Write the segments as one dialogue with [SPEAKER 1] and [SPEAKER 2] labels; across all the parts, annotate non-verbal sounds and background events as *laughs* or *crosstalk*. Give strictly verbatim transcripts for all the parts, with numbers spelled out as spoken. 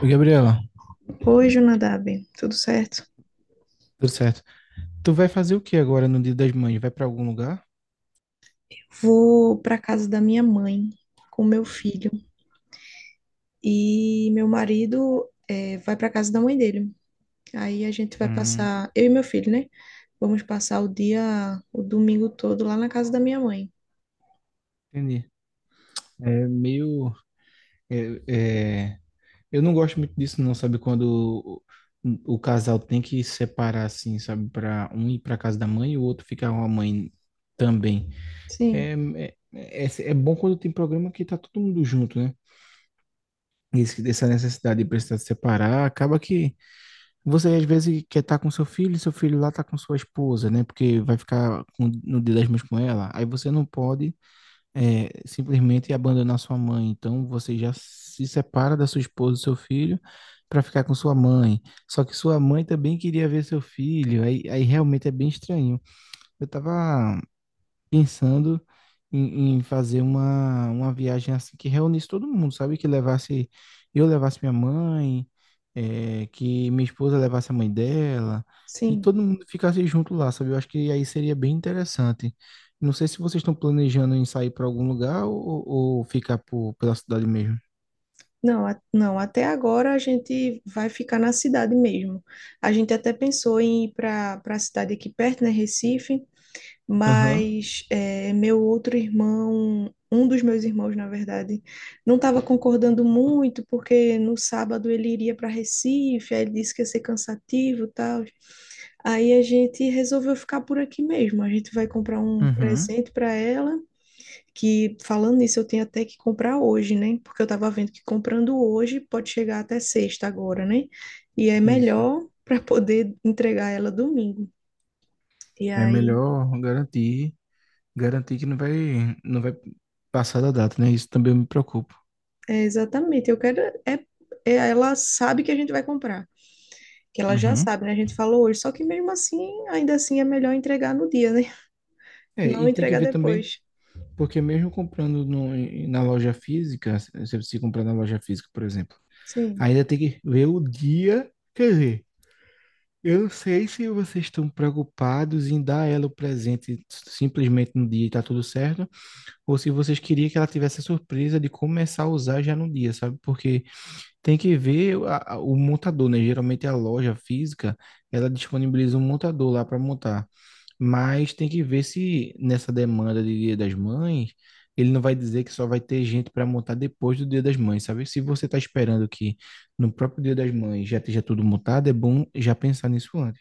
[SPEAKER 1] Ô, Gabriela,
[SPEAKER 2] Oi, Jonadab, tudo certo?
[SPEAKER 1] tudo certo. Tu vai fazer o que agora no Dia das Mães? Vai pra algum lugar?
[SPEAKER 2] Vou para casa da minha mãe com meu filho e meu marido eh, vai para casa da mãe dele. Aí a gente vai
[SPEAKER 1] Hum,
[SPEAKER 2] passar, eu e meu filho, né? Vamos passar o dia, o domingo todo lá na casa da minha mãe.
[SPEAKER 1] entendi. É meio. é- é- Eu não gosto muito disso, não, sabe? Quando o, o casal tem que separar, assim, sabe? Pra um ir pra casa da mãe e o outro ficar com a mãe também. É,
[SPEAKER 2] Sim,
[SPEAKER 1] é, é, é bom quando tem programa que tá todo mundo junto, né? Esse- Essa necessidade de precisar separar acaba que. Você às vezes quer estar com seu filho, e seu filho lá tá com sua esposa, né? Porque vai ficar com- no dia das mães com ela. Aí você não pode é, simplesmente abandonar sua mãe. Então você já se separa da sua esposa, do seu filho, para ficar com sua mãe. Só que sua mãe também queria ver seu filho. Aí, aí realmente é bem estranho. Eu tava pensando em, em fazer uma, uma viagem assim que reunisse todo mundo, sabe? Que levasse, eu levasse minha mãe, eh, que minha esposa levasse a mãe dela, e
[SPEAKER 2] sim.
[SPEAKER 1] todo mundo ficasse junto lá, sabe? Eu acho que aí seria bem interessante. Não sei se vocês estão planejando em sair para algum lugar ou, ou ficar por, pela cidade mesmo.
[SPEAKER 2] Não, a- não, até agora a gente vai ficar na cidade mesmo. A gente até pensou em ir para para a cidade aqui perto, né, Recife,
[SPEAKER 1] Aham,
[SPEAKER 2] mas é, meu outro irmão, um dos meus irmãos, na verdade, não estava concordando muito, porque no sábado ele iria para Recife, aí ele disse que ia ser cansativo e tal. Aí a gente resolveu ficar por aqui mesmo. A gente vai comprar um
[SPEAKER 1] uhum,
[SPEAKER 2] presente para ela, que falando nisso, eu tenho até que comprar hoje, né? Porque eu estava vendo que comprando hoje pode chegar até sexta agora, né? E é
[SPEAKER 1] isso.
[SPEAKER 2] melhor para poder entregar ela domingo. E
[SPEAKER 1] É
[SPEAKER 2] aí
[SPEAKER 1] melhor garantir, garantir que não vai, não vai passar da data, né? Isso também eu me preocupo.
[SPEAKER 2] é, exatamente. Eu quero. É, é- ela sabe que a gente vai comprar. Que ela já
[SPEAKER 1] Uhum.
[SPEAKER 2] sabe, né? A gente falou hoje. Só que mesmo assim, ainda assim é melhor entregar no dia, né? *laughs*
[SPEAKER 1] É,
[SPEAKER 2] Não
[SPEAKER 1] e tem que
[SPEAKER 2] entregar
[SPEAKER 1] ver também.
[SPEAKER 2] depois.
[SPEAKER 1] Porque mesmo comprando no- em- na loja física, se você comprar na loja física, por exemplo,
[SPEAKER 2] Sim.
[SPEAKER 1] ainda tem que ver o dia. Quer dizer, eu não sei se vocês estão preocupados em dar ela o presente simplesmente no dia e tá tudo certo, ou se vocês queriam que ela tivesse a surpresa de começar a usar já no dia, sabe? Porque tem que ver a- a- o montador, né? Geralmente a loja física, ela disponibiliza um montador lá para montar. Mas tem que ver se nessa demanda de Dia das Mães, ele não vai dizer que só vai ter gente para montar depois do Dia das Mães, sabe? Se você está esperando que no próprio Dia das Mães já esteja tudo montado, é bom já pensar nisso antes.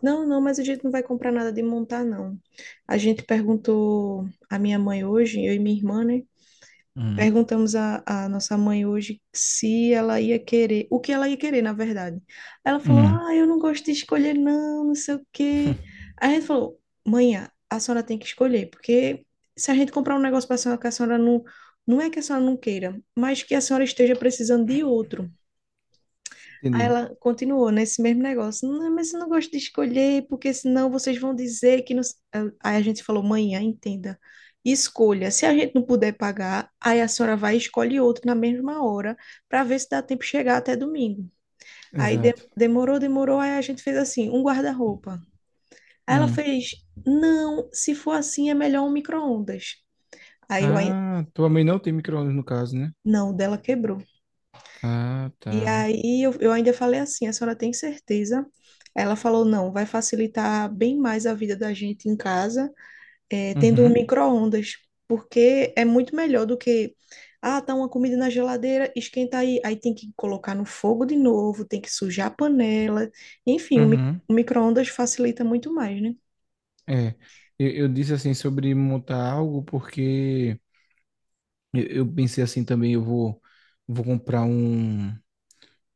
[SPEAKER 2] Não, não, mas a gente não vai comprar nada de montar, não. A gente perguntou à minha mãe hoje, eu e minha irmã, né?
[SPEAKER 1] Hum.
[SPEAKER 2] Perguntamos à, à nossa mãe hoje se ela ia querer, o que ela ia querer, na verdade. Ela falou:
[SPEAKER 1] Hum.
[SPEAKER 2] "Ah, eu não gosto de escolher, não, não sei o quê."
[SPEAKER 1] *laughs*
[SPEAKER 2] Aí a gente falou: "Mãe, a a senhora tem que escolher, porque se a gente comprar um negócio para a senhora que a senhora não. Não é que a senhora não queira, mas que a senhora esteja precisando de outro." Aí
[SPEAKER 1] Entendi.
[SPEAKER 2] ela continuou nesse mesmo negócio. "Não, mas eu não gosto de escolher, porque senão vocês vão dizer que não. s-" Aí a gente falou, mãe, ah, entenda. Escolha. Se a gente não puder pagar, aí a senhora vai e escolhe outro na mesma hora, para ver se dá tempo de chegar até domingo. Aí de-
[SPEAKER 1] Exato.
[SPEAKER 2] demorou, demorou, aí a gente fez assim, um guarda-roupa. Aí ela
[SPEAKER 1] Hum.
[SPEAKER 2] fez, não, se for assim é melhor um micro-ondas. Aí eu, ai-
[SPEAKER 1] Ah, tua mãe não tem micro-ondas no caso, né?
[SPEAKER 2] não, o dela quebrou.
[SPEAKER 1] Ah,
[SPEAKER 2] E
[SPEAKER 1] tá.
[SPEAKER 2] aí eu, eu ainda falei assim, a senhora tem certeza? Ela falou, não, vai facilitar bem mais a vida da gente em casa, eh, tendo um
[SPEAKER 1] Uhum.
[SPEAKER 2] micro-ondas, porque é muito melhor do que, ah, tá uma comida na geladeira, esquenta aí, aí tem que colocar no fogo de novo, tem que sujar a panela, enfim, o, mi
[SPEAKER 1] Uhum.
[SPEAKER 2] o micro-ondas facilita muito mais, né?
[SPEAKER 1] É, eu, eu disse assim sobre montar algo porque eu, eu pensei assim também, eu vou vou comprar um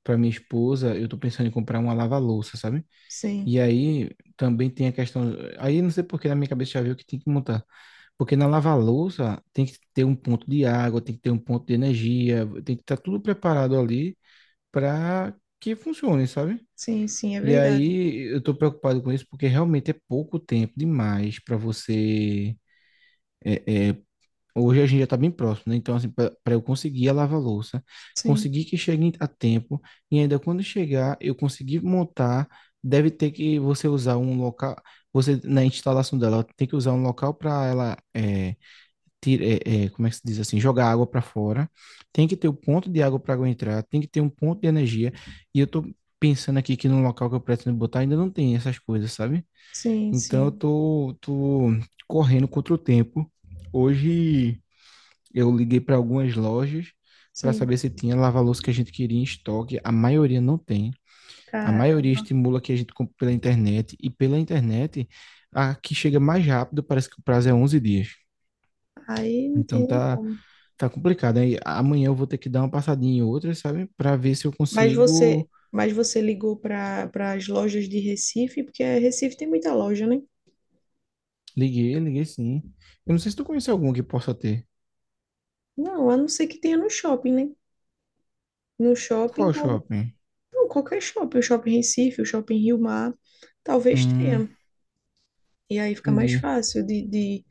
[SPEAKER 1] para minha esposa, eu tô pensando em comprar uma lava-louça, sabe?
[SPEAKER 2] Sim,
[SPEAKER 1] E aí também tem a questão, aí não sei por que na minha cabeça já veio que tem que montar, porque na lava-louça tem que ter um ponto de água, tem que ter um ponto de energia, tem que estar tudo preparado ali para que funcione, sabe?
[SPEAKER 2] sim, sim, é
[SPEAKER 1] E
[SPEAKER 2] verdade.
[SPEAKER 1] aí eu tô preocupado com isso porque realmente é pouco tempo demais para você é, hoje a gente já está bem próximo, né? Então, assim, para eu conseguir a lava-louça,
[SPEAKER 2] Sim,
[SPEAKER 1] conseguir que chegue a tempo, e ainda quando chegar, eu conseguir montar, deve ter que você usar um local, você na instalação dela, tem que usar um local para ela, é, tira, é, é, como é que se diz assim, jogar água para fora, tem que ter o ponto de água para água entrar, tem que ter um ponto de energia, e eu tô pensando aqui que no local que eu pretendo botar ainda não tem essas coisas, sabe?
[SPEAKER 2] sim,
[SPEAKER 1] Então, eu
[SPEAKER 2] sim,
[SPEAKER 1] tô, tô correndo contra o tempo. Hoje. Eu liguei para algumas lojas para
[SPEAKER 2] sim.
[SPEAKER 1] saber se tinha lava-louça que a gente queria em estoque. A maioria não tem. A
[SPEAKER 2] Cara,
[SPEAKER 1] maioria estimula que a gente compre pela internet. E pela internet, a que chega mais rápido, parece que o prazo é onze dias.
[SPEAKER 2] aí não
[SPEAKER 1] Então
[SPEAKER 2] tem nem
[SPEAKER 1] tá,
[SPEAKER 2] como.
[SPEAKER 1] tá complicado. Aí amanhã eu vou ter que dar uma passadinha em outras, sabe? Para ver se eu
[SPEAKER 2] Mas você,
[SPEAKER 1] consigo.
[SPEAKER 2] mas você ligou para para as lojas de Recife, porque eh, Recife tem muita loja, né?
[SPEAKER 1] Liguei, liguei sim. Eu não sei se tu conhece algum que possa ter.
[SPEAKER 2] Não, a não ser que tenha no shopping, né? No shopping,
[SPEAKER 1] Qual
[SPEAKER 2] talvez.
[SPEAKER 1] shopping?
[SPEAKER 2] Não, qualquer shopping, o shopping Recife, o shopping Rio Mar, talvez
[SPEAKER 1] Hum,
[SPEAKER 2] tenha. E aí fica mais
[SPEAKER 1] entendi.
[SPEAKER 2] fácil de, de,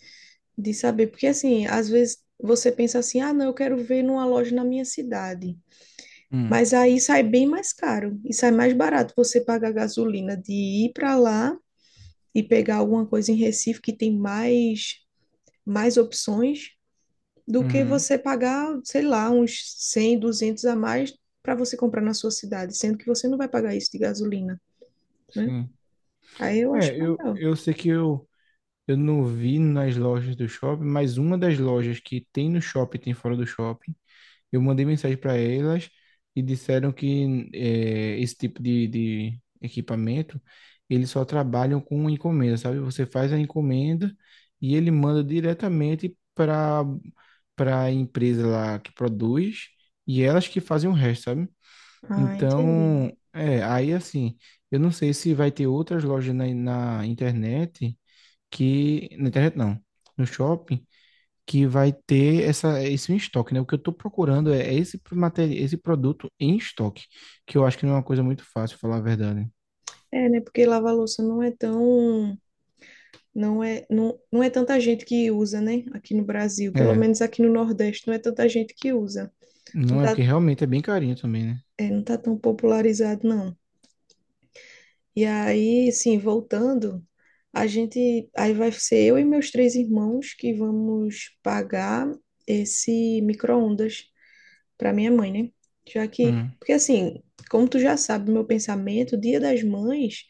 [SPEAKER 2] de saber. Porque assim, às vezes você pensa assim, ah, não, eu quero ver numa loja na minha cidade.
[SPEAKER 1] Hum,
[SPEAKER 2] Mas aí sai bem mais caro e sai mais barato você pagar gasolina de ir para lá e pegar alguma coisa em Recife que tem mais mais opções do que
[SPEAKER 1] uhum,
[SPEAKER 2] você pagar, sei lá, uns cem, duzentos a mais para você comprar na sua cidade, sendo que você não vai pagar isso de gasolina, né?
[SPEAKER 1] sim.
[SPEAKER 2] Aí eu acho
[SPEAKER 1] É, eu,
[SPEAKER 2] melhor.
[SPEAKER 1] eu sei que eu Eu não vi nas lojas do shopping, mas uma das lojas que tem no shopping, tem fora do shopping. Eu mandei mensagem para elas e disseram que eh, esse tipo de, de equipamento, eles só trabalham com encomenda, sabe? Você faz a encomenda e ele manda diretamente para para a empresa lá que produz e elas que fazem o resto, sabe?
[SPEAKER 2] Ah, entendi.
[SPEAKER 1] Então, é, aí assim, eu não sei se vai ter outras lojas na na internet que na internet não, no shopping que vai ter essa esse em estoque, né? O que eu estou procurando é é esse material, esse produto em estoque, que eu acho que não é uma coisa muito fácil, falar a verdade.
[SPEAKER 2] É, né? Porque lavar louça não é tão, não é, não, não é tanta gente que usa, né? Aqui no Brasil, pelo
[SPEAKER 1] É,
[SPEAKER 2] menos aqui no Nordeste, não é tanta gente que usa. Não
[SPEAKER 1] não é
[SPEAKER 2] tá,
[SPEAKER 1] porque realmente é bem carinho também, né?
[SPEAKER 2] é, não tá tão popularizado, não. E aí, assim, voltando, a gente, aí vai ser eu e meus três irmãos que vamos pagar esse micro-ondas para minha mãe, né? Já que,
[SPEAKER 1] Hum,
[SPEAKER 2] porque assim, como tu já sabe, meu pensamento, Dia das Mães,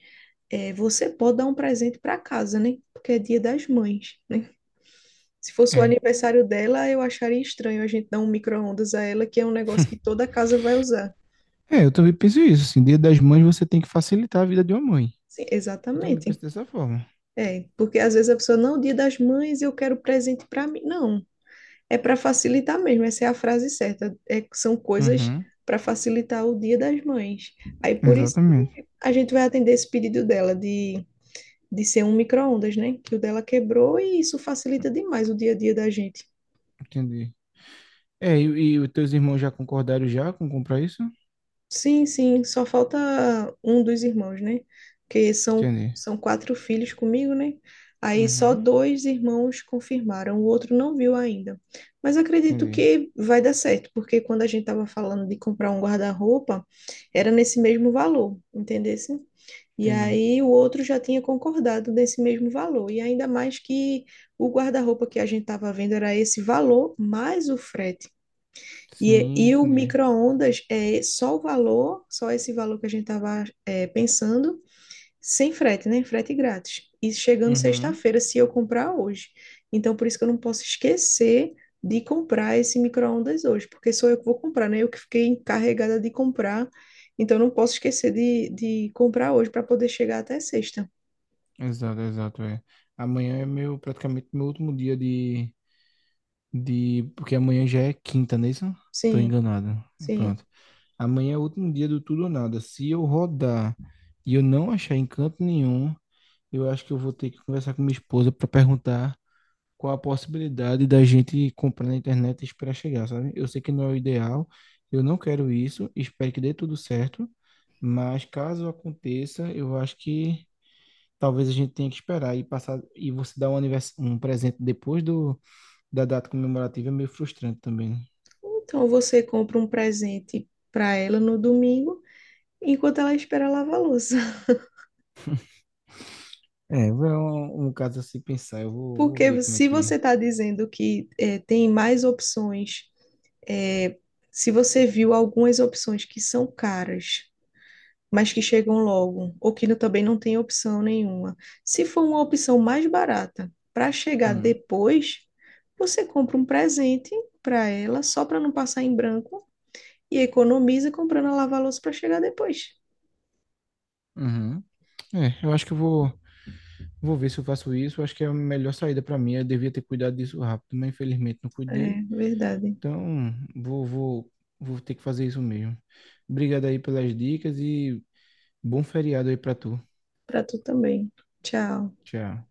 [SPEAKER 2] é, você pode dar um presente para casa, né? Porque é Dia das Mães, né? Se fosse o
[SPEAKER 1] é.
[SPEAKER 2] aniversário dela, eu acharia estranho a gente dar um micro-ondas a ela, que é um negócio que
[SPEAKER 1] *laughs*
[SPEAKER 2] toda casa vai usar.
[SPEAKER 1] É, eu também penso isso, assim, Dia das Mães você tem que facilitar a vida de uma mãe.
[SPEAKER 2] Sim,
[SPEAKER 1] Eu também penso
[SPEAKER 2] exatamente.
[SPEAKER 1] dessa forma.
[SPEAKER 2] É, porque às vezes a pessoa, não, Dia das Mães, eu quero presente para mim. Não, é para facilitar mesmo, essa é a frase certa. É, são coisas
[SPEAKER 1] Uhum,
[SPEAKER 2] para facilitar o Dia das Mães. Aí por isso
[SPEAKER 1] exatamente.
[SPEAKER 2] que a gente vai atender esse pedido dela de, de ser um micro-ondas, né? Que o dela quebrou e isso facilita demais o dia a dia da gente.
[SPEAKER 1] Entendi. É, e, e os teus irmãos já concordaram já com comprar isso?
[SPEAKER 2] Sim, sim, só falta um dos irmãos, né? Porque são,
[SPEAKER 1] Entendi.
[SPEAKER 2] são quatro filhos comigo, né? Aí só
[SPEAKER 1] Uhum,
[SPEAKER 2] dois irmãos confirmaram, o outro não viu ainda. Mas acredito
[SPEAKER 1] entendi,
[SPEAKER 2] que vai dar certo, porque quando a gente estava falando de comprar um guarda-roupa, era nesse mesmo valor, entendesse? E
[SPEAKER 1] entendi.
[SPEAKER 2] aí o outro já tinha concordado nesse mesmo valor. E ainda mais que o guarda-roupa que a gente estava vendo era esse valor mais o frete. E,
[SPEAKER 1] Sim,
[SPEAKER 2] e o
[SPEAKER 1] entendi.
[SPEAKER 2] micro-ondas é só o valor, só esse valor que a gente estava pensando, sem frete, né? Frete grátis. E chegando
[SPEAKER 1] Uhum,
[SPEAKER 2] sexta-feira, se eu comprar hoje. Então, por isso que eu não posso esquecer de comprar esse micro-ondas hoje, porque sou eu que vou comprar, né? Eu que fiquei encarregada de comprar. Então, eu não posso esquecer de, de comprar hoje para poder chegar até sexta.
[SPEAKER 1] exato, exato, é. Amanhã é meu, praticamente meu último dia de, de, porque amanhã já é quinta, não é isso? Tô
[SPEAKER 2] Sim,
[SPEAKER 1] enganado.
[SPEAKER 2] sim.
[SPEAKER 1] Pronto. Amanhã é o último dia do tudo ou nada. Se eu rodar e eu não achar encanto nenhum, eu acho que eu vou ter que conversar com minha esposa para perguntar qual a possibilidade da gente comprar na internet e esperar chegar, sabe? Eu sei que não é o ideal, eu não quero isso, espero que dê tudo certo, mas caso aconteça, eu acho que talvez a gente tenha que esperar e passar e você dar um, anivers- um presente depois do, da data comemorativa é meio frustrante também, né?
[SPEAKER 2] Então, você compra um presente para ela no domingo, enquanto ela espera lavar a louça.
[SPEAKER 1] É, é um, um caso a se pensar. Eu vou, vou ver
[SPEAKER 2] Porque
[SPEAKER 1] como é
[SPEAKER 2] se
[SPEAKER 1] que.
[SPEAKER 2] você está dizendo que é, tem mais opções, é, se você viu algumas opções que são caras, mas que chegam logo, ou que não- também não tem opção nenhuma, se for uma opção mais barata para chegar
[SPEAKER 1] Hum,
[SPEAKER 2] depois, você compra um presente para ela, só para não passar em branco, e economiza comprando a lava-louça para chegar depois.
[SPEAKER 1] uhum. É, eu acho que eu vou, vou ver se eu faço isso. Eu acho que é a melhor saída para mim. Eu devia ter cuidado disso rápido, mas infelizmente não cuidei.
[SPEAKER 2] É verdade.
[SPEAKER 1] Então, vou, vou, vou ter que fazer isso mesmo. Obrigado aí pelas dicas e bom feriado aí para tu.
[SPEAKER 2] Para tu também. Tchau.
[SPEAKER 1] Tchau.